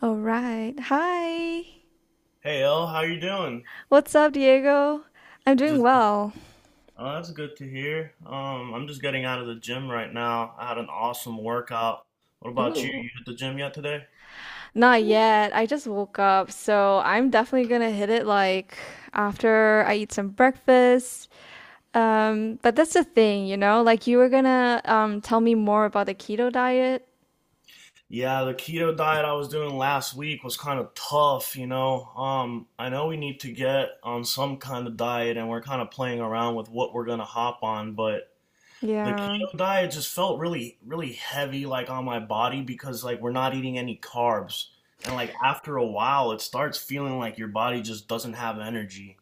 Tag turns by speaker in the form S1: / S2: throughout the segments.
S1: All right. Hi.
S2: Hey L, how you doing?
S1: What's up, Diego? I'm doing
S2: Just
S1: well.
S2: oh, that's good to hear. I'm just getting out of the gym right now. I had an awesome workout. What about you?
S1: Ooh.
S2: You hit the gym yet today?
S1: Not yet. I just woke up, so I'm definitely gonna hit it like after I eat some breakfast. But that's the thing, you know, like you were gonna tell me more about the keto diet.
S2: Yeah, the keto diet I was doing last week was kind of tough, you know. I know we need to get on some kind of diet and we're kind of playing around with what we're gonna hop on, but the
S1: Yeah,
S2: keto diet just felt really, really heavy, like on my body because like we're not eating any carbs. And like after a while, it starts feeling like your body just doesn't have energy.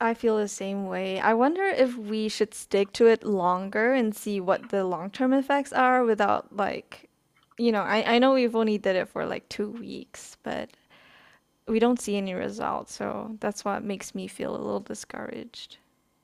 S1: I feel the same way. I wonder if we should stick to it longer and see what the long-term effects are without like, you know, I know we've only did it for like 2 weeks, but we don't see any results. So that's what makes me feel a little discouraged.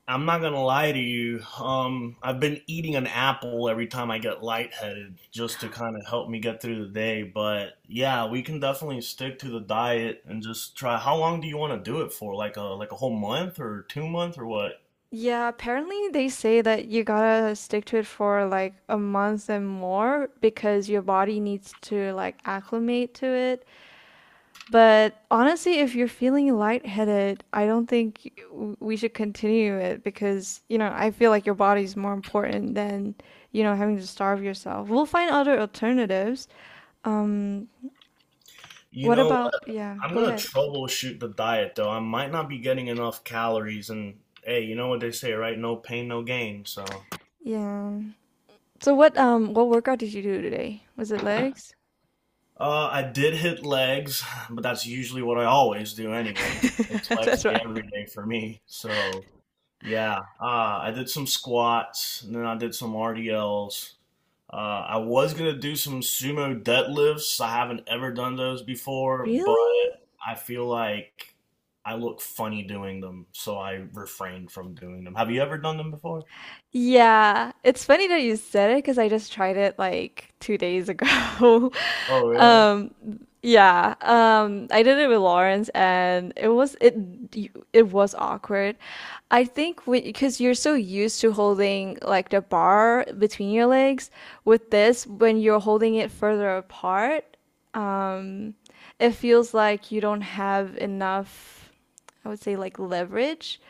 S2: I'm not gonna lie to you. I've been eating an apple every time I get lightheaded just to kind of help me get through the day. But yeah, we can definitely stick to the diet and just try. How long do you want to do it for? Like a whole month or 2 month or what?
S1: Yeah, apparently they say that you gotta stick to it for like a month and more because your body needs to like acclimate to it. But honestly, if you're feeling lightheaded, I don't think we should continue it because, you know, I feel like your body's more important than, you know, having to starve yourself. We'll find other alternatives. Um,
S2: You
S1: what
S2: know,
S1: about, yeah,
S2: I'm
S1: go
S2: gonna
S1: ahead.
S2: troubleshoot the diet though. I might not be getting enough calories, and hey, you know what they say, right? No pain, no gain. So,
S1: Yeah. So what workout did you do today? Was it legs?
S2: I did hit legs, but that's usually what I always do, anyways. It's legs
S1: That's
S2: day
S1: right.
S2: every day for me. So, yeah, I did some squats, and then I did some RDLs. Uh, I was gonna do some sumo deadlifts. I haven't ever done those before, but
S1: Really?
S2: I feel like I look funny doing them, so I refrain from doing them. Have you ever done them before?
S1: Yeah, it's funny that you said it because I just tried it like 2 days ago.
S2: Oh, really?
S1: Um, yeah, I did it with Lawrence, and it was awkward. I think because you're so used to holding like the bar between your legs, with this, when you're holding it further apart, um, it feels like you don't have enough, I would say like leverage.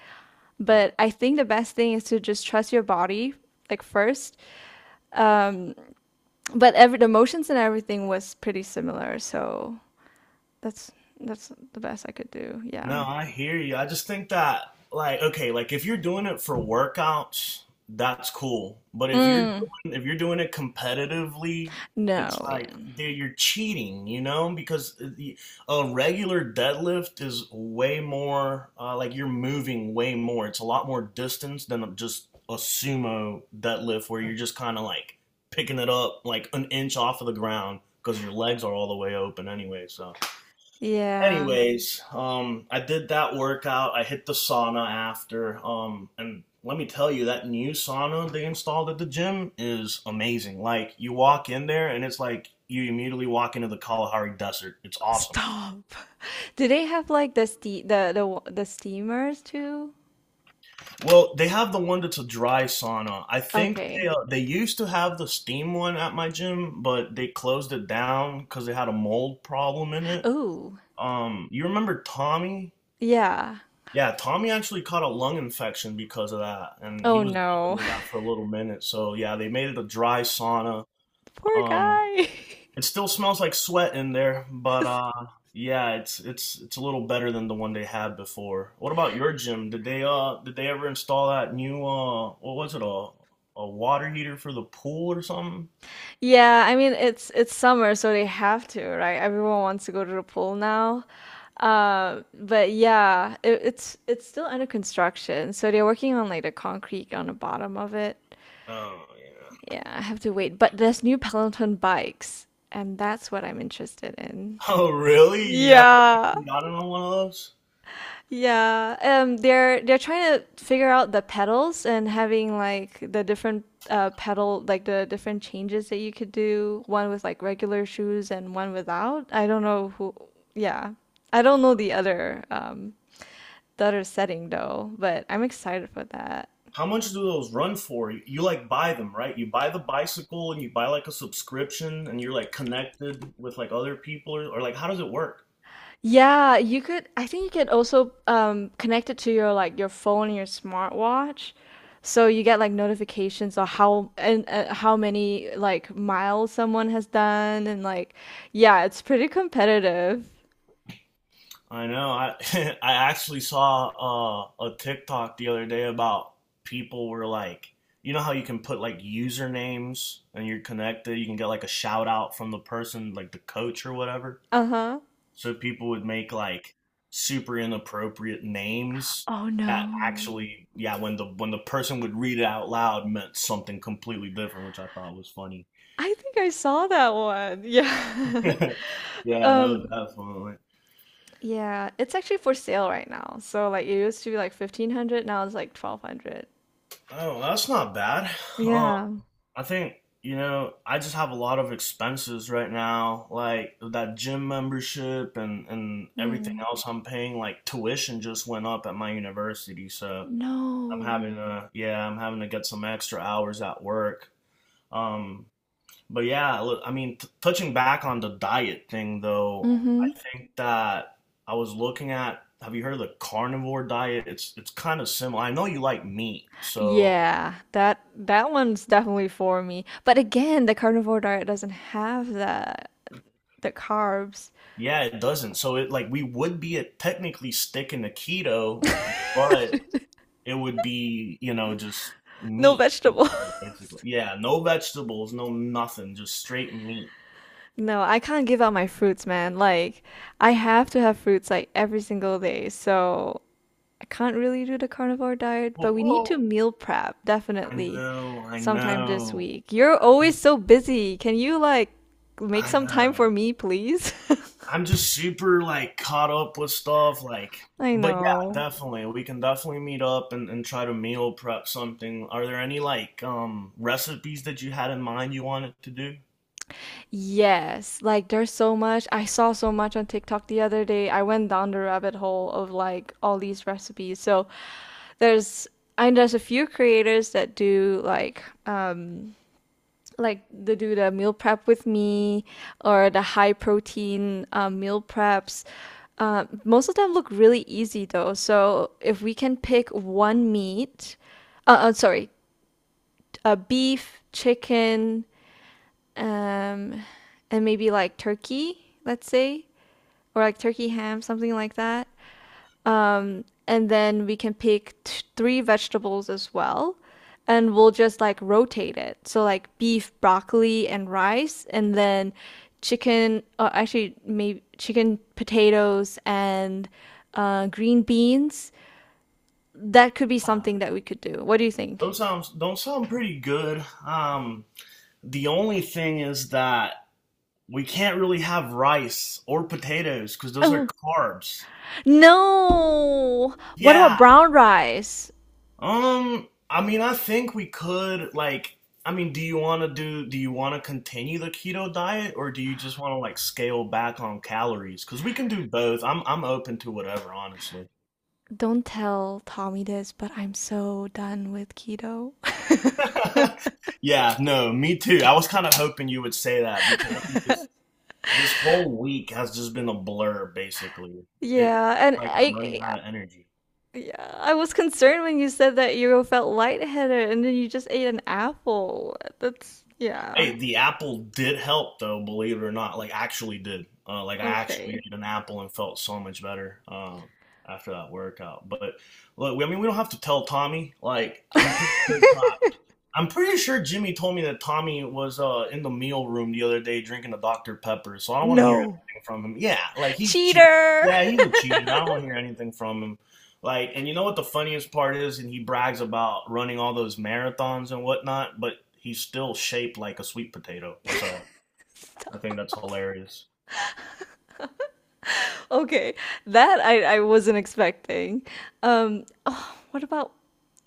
S2: Yeah.
S1: But I think the best thing is to just trust your body, like first. Um, but every the motions and everything was pretty similar, so that's that's the best I could do.
S2: No,
S1: Yeah.
S2: I hear you. I just think that, like, okay, like if you're doing it for workouts, that's cool. But if you're
S1: Mm.
S2: doing, if you're doing it competitively, it's
S1: No.
S2: like,
S1: Yeah.
S2: dude, you're cheating, you know? Because a regular deadlift is way more, like you're moving way more. It's a lot more distance than just a sumo deadlift where you're just kind of like picking it up like an inch off of the ground because your legs are all the way open anyway. So
S1: Yeah.
S2: anyways, I did that workout. I hit the sauna after. And let me tell you, that new sauna they installed at the gym is amazing. Like, you walk in there and it's like you immediately walk into the Kalahari Desert. It's awesome.
S1: Stop. Do they have like the ste the wa- the steamers too?
S2: Well, they have the one that's a dry sauna. I think they
S1: Okay.
S2: uh, they used to have the steam one at my gym, but they closed it down because they had a mold problem in it.
S1: Oh.
S2: You remember Tommy?
S1: Yeah.
S2: Yeah, Tommy actually caught a lung infection because of that, and he
S1: Oh
S2: was dealing
S1: no.
S2: with that for a little minute. So yeah, they made it a dry sauna.
S1: Poor
S2: Um,
S1: guy.
S2: it still smells like sweat in there, but yeah, it's a little better than the one they had before. What about your gym? Did they ever install that new what was it, a water heater for the pool or something?
S1: Yeah, I mean it's summer, so they have to, right? Everyone wants to go to the pool now. But yeah, it's still under construction, so they're working on like the concrete on the bottom of it.
S2: Oh yeah.
S1: Yeah, I have to wait. But there's new Peloton bikes, and that's what I'm interested in.
S2: Oh really? You haven't
S1: Yeah,
S2: actually gotten on one of those?
S1: yeah, they're trying to figure out the pedals and having like the different pedal like the different changes that you could do, one with like regular shoes and one without. I don't know who, yeah. I don't know the other setting though, but I'm excited for that.
S2: How much do those run for? You like buy them, right? You buy the bicycle and you buy like a subscription and you're like connected with like other people or like how does it work?
S1: Yeah, you could I think you could also connect it to your like your phone and your smartwatch. So you get like notifications on how and how many like miles someone has done and like yeah, it's pretty competitive.
S2: I know. I I actually saw a TikTok the other day about people were like, you know how you can put like usernames and you're connected, you can get like a shout out from the person, like the coach or whatever.
S1: Uh-huh.
S2: So people would make like super inappropriate names
S1: Oh
S2: that
S1: no.
S2: actually, yeah, when the person would read it out loud meant something completely different, which I thought was funny.
S1: I think I saw that one. Yeah.
S2: Yeah, no,
S1: Um
S2: definitely.
S1: yeah, it's actually for sale right now. So like it used to be like 1500, now it's like 1200.
S2: Oh, that's not bad. Um,
S1: Yeah.
S2: I think you know I just have a lot of expenses right now, like that gym membership and everything
S1: Mm.
S2: else I'm paying. Like tuition just went up at my university, so I'm
S1: No.
S2: having to, yeah, I'm having to get some extra hours at work. Um, but yeah, look, I mean, t touching back on the diet thing though, I
S1: Mm-hmm.
S2: think that I was looking at, have you heard of the carnivore diet? It's kind of similar. I know you like meat, so
S1: Yeah, that one's definitely for me. But again, the carnivore diet doesn't have the carbs,
S2: yeah, it doesn't. So it like we would be at technically sticking to keto, but it would be, you know, just
S1: no
S2: meat
S1: vegetables.
S2: instead basically. Yeah, no vegetables, no nothing, just straight meat.
S1: No, I can't give up my fruits, man. Like I have to have fruits like every single day. So I can't really do the carnivore diet,
S2: Well,
S1: but we need to
S2: well,
S1: meal prep
S2: I
S1: definitely
S2: know, I
S1: sometime this
S2: know,
S1: week. You're always so busy. Can you like make
S2: I
S1: some time for
S2: know.
S1: me, please?
S2: I'm just super like caught up with stuff like
S1: I
S2: but yeah,
S1: know.
S2: definitely. We can definitely meet up and try to meal prep something. Are there any like recipes that you had in mind you wanted to do?
S1: Yes, like there's so much. I saw so much on TikTok the other day. I went down the rabbit hole of like all these recipes. So there's and there's a few creators that do like they do the meal prep with me or the high protein meal preps. Most of them look really easy though. So if we can pick one meat, uh, uh sorry, beef, chicken, um, and maybe like turkey, let's say, or like turkey ham, something like that. And then we can pick three vegetables as well. And we'll just like rotate it. So, like beef, broccoli, and rice, and then chicken, or actually, maybe chicken, potatoes, and green beans. That could be
S2: Uh,
S1: something that we could do. What do you think?
S2: those sounds don't sound pretty good. Um, the only thing is that we can't really have rice or potatoes because those are
S1: Oh,
S2: carbs.
S1: no. What about
S2: Yeah,
S1: brown rice?
S2: I mean, I think we could like. I mean, do you want to do? Do you want to continue the keto diet, or do you just want to like scale back on calories? Because we can do both. I'm open to whatever, honestly.
S1: Don't tell Tommy this, but I'm so done with keto.
S2: Yeah, no, me too. I was kind of hoping you would say that because I'm just this whole week has just been a blur, basically. It
S1: Yeah,
S2: feels
S1: and
S2: like I'm running out of energy.
S1: I yeah, I was concerned when you said that you felt lightheaded and then you just ate an apple. That's yeah.
S2: Hey, the apple did help though, believe it or not. Like actually did. Like I actually
S1: Okay.
S2: ate an apple and felt so much better after that workout. But look, I mean, we don't have to tell Tommy. Like I'm pretty sure. I'm pretty sure Jimmy told me that Tommy was in the meal room the other day drinking a Dr. Pepper, so I don't want to hear
S1: No.
S2: anything from him. Yeah, like he's cheating.
S1: Cheater.
S2: Yeah, he's a cheater. I don't want to hear anything from him. Like, and you know what the funniest part is? And he brags about running all those marathons and whatnot, but he's still shaped like a sweet potato. So I think that's hilarious.
S1: Okay, that I wasn't expecting. Oh, what about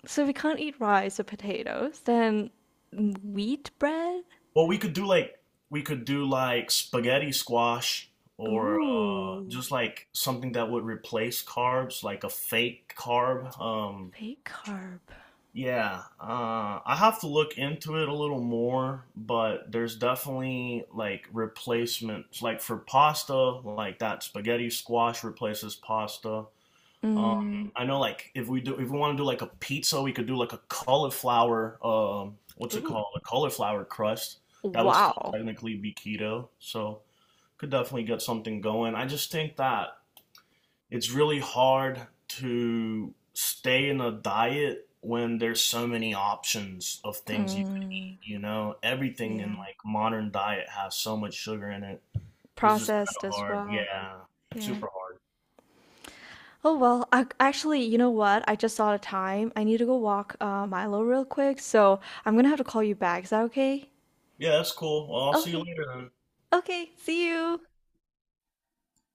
S1: so we can't eat rice or potatoes, then wheat bread?
S2: Well, we could do like spaghetti squash or
S1: Ooh,
S2: just like something that would replace carbs, like a fake carb.
S1: fake carb.
S2: Yeah, I have to look into it a little more, but there's definitely like replacements, like for pasta, like that spaghetti squash replaces pasta. Um,
S1: Mm.
S2: I know, like if we want to do like a pizza, we could do like a cauliflower, what's it
S1: Ooh.
S2: called, a cauliflower crust. That would still
S1: Wow.
S2: technically be keto, so could definitely get something going. I just think that it's really hard to stay in a diet when there's so many options of things you can,
S1: Mm.
S2: you know, everything in
S1: Yeah.
S2: like modern diet has so much sugar in it, it's just kind
S1: Processed
S2: of
S1: as
S2: hard,
S1: well.
S2: yeah,
S1: Yeah.
S2: super hard.
S1: Oh well, I actually, you know what? I just saw the time. I need to go walk Milo real quick, so I'm gonna have to call you back. Is that okay?
S2: Yeah, that's cool. Well, I'll see you
S1: Okay.
S2: later then.
S1: Okay. See you.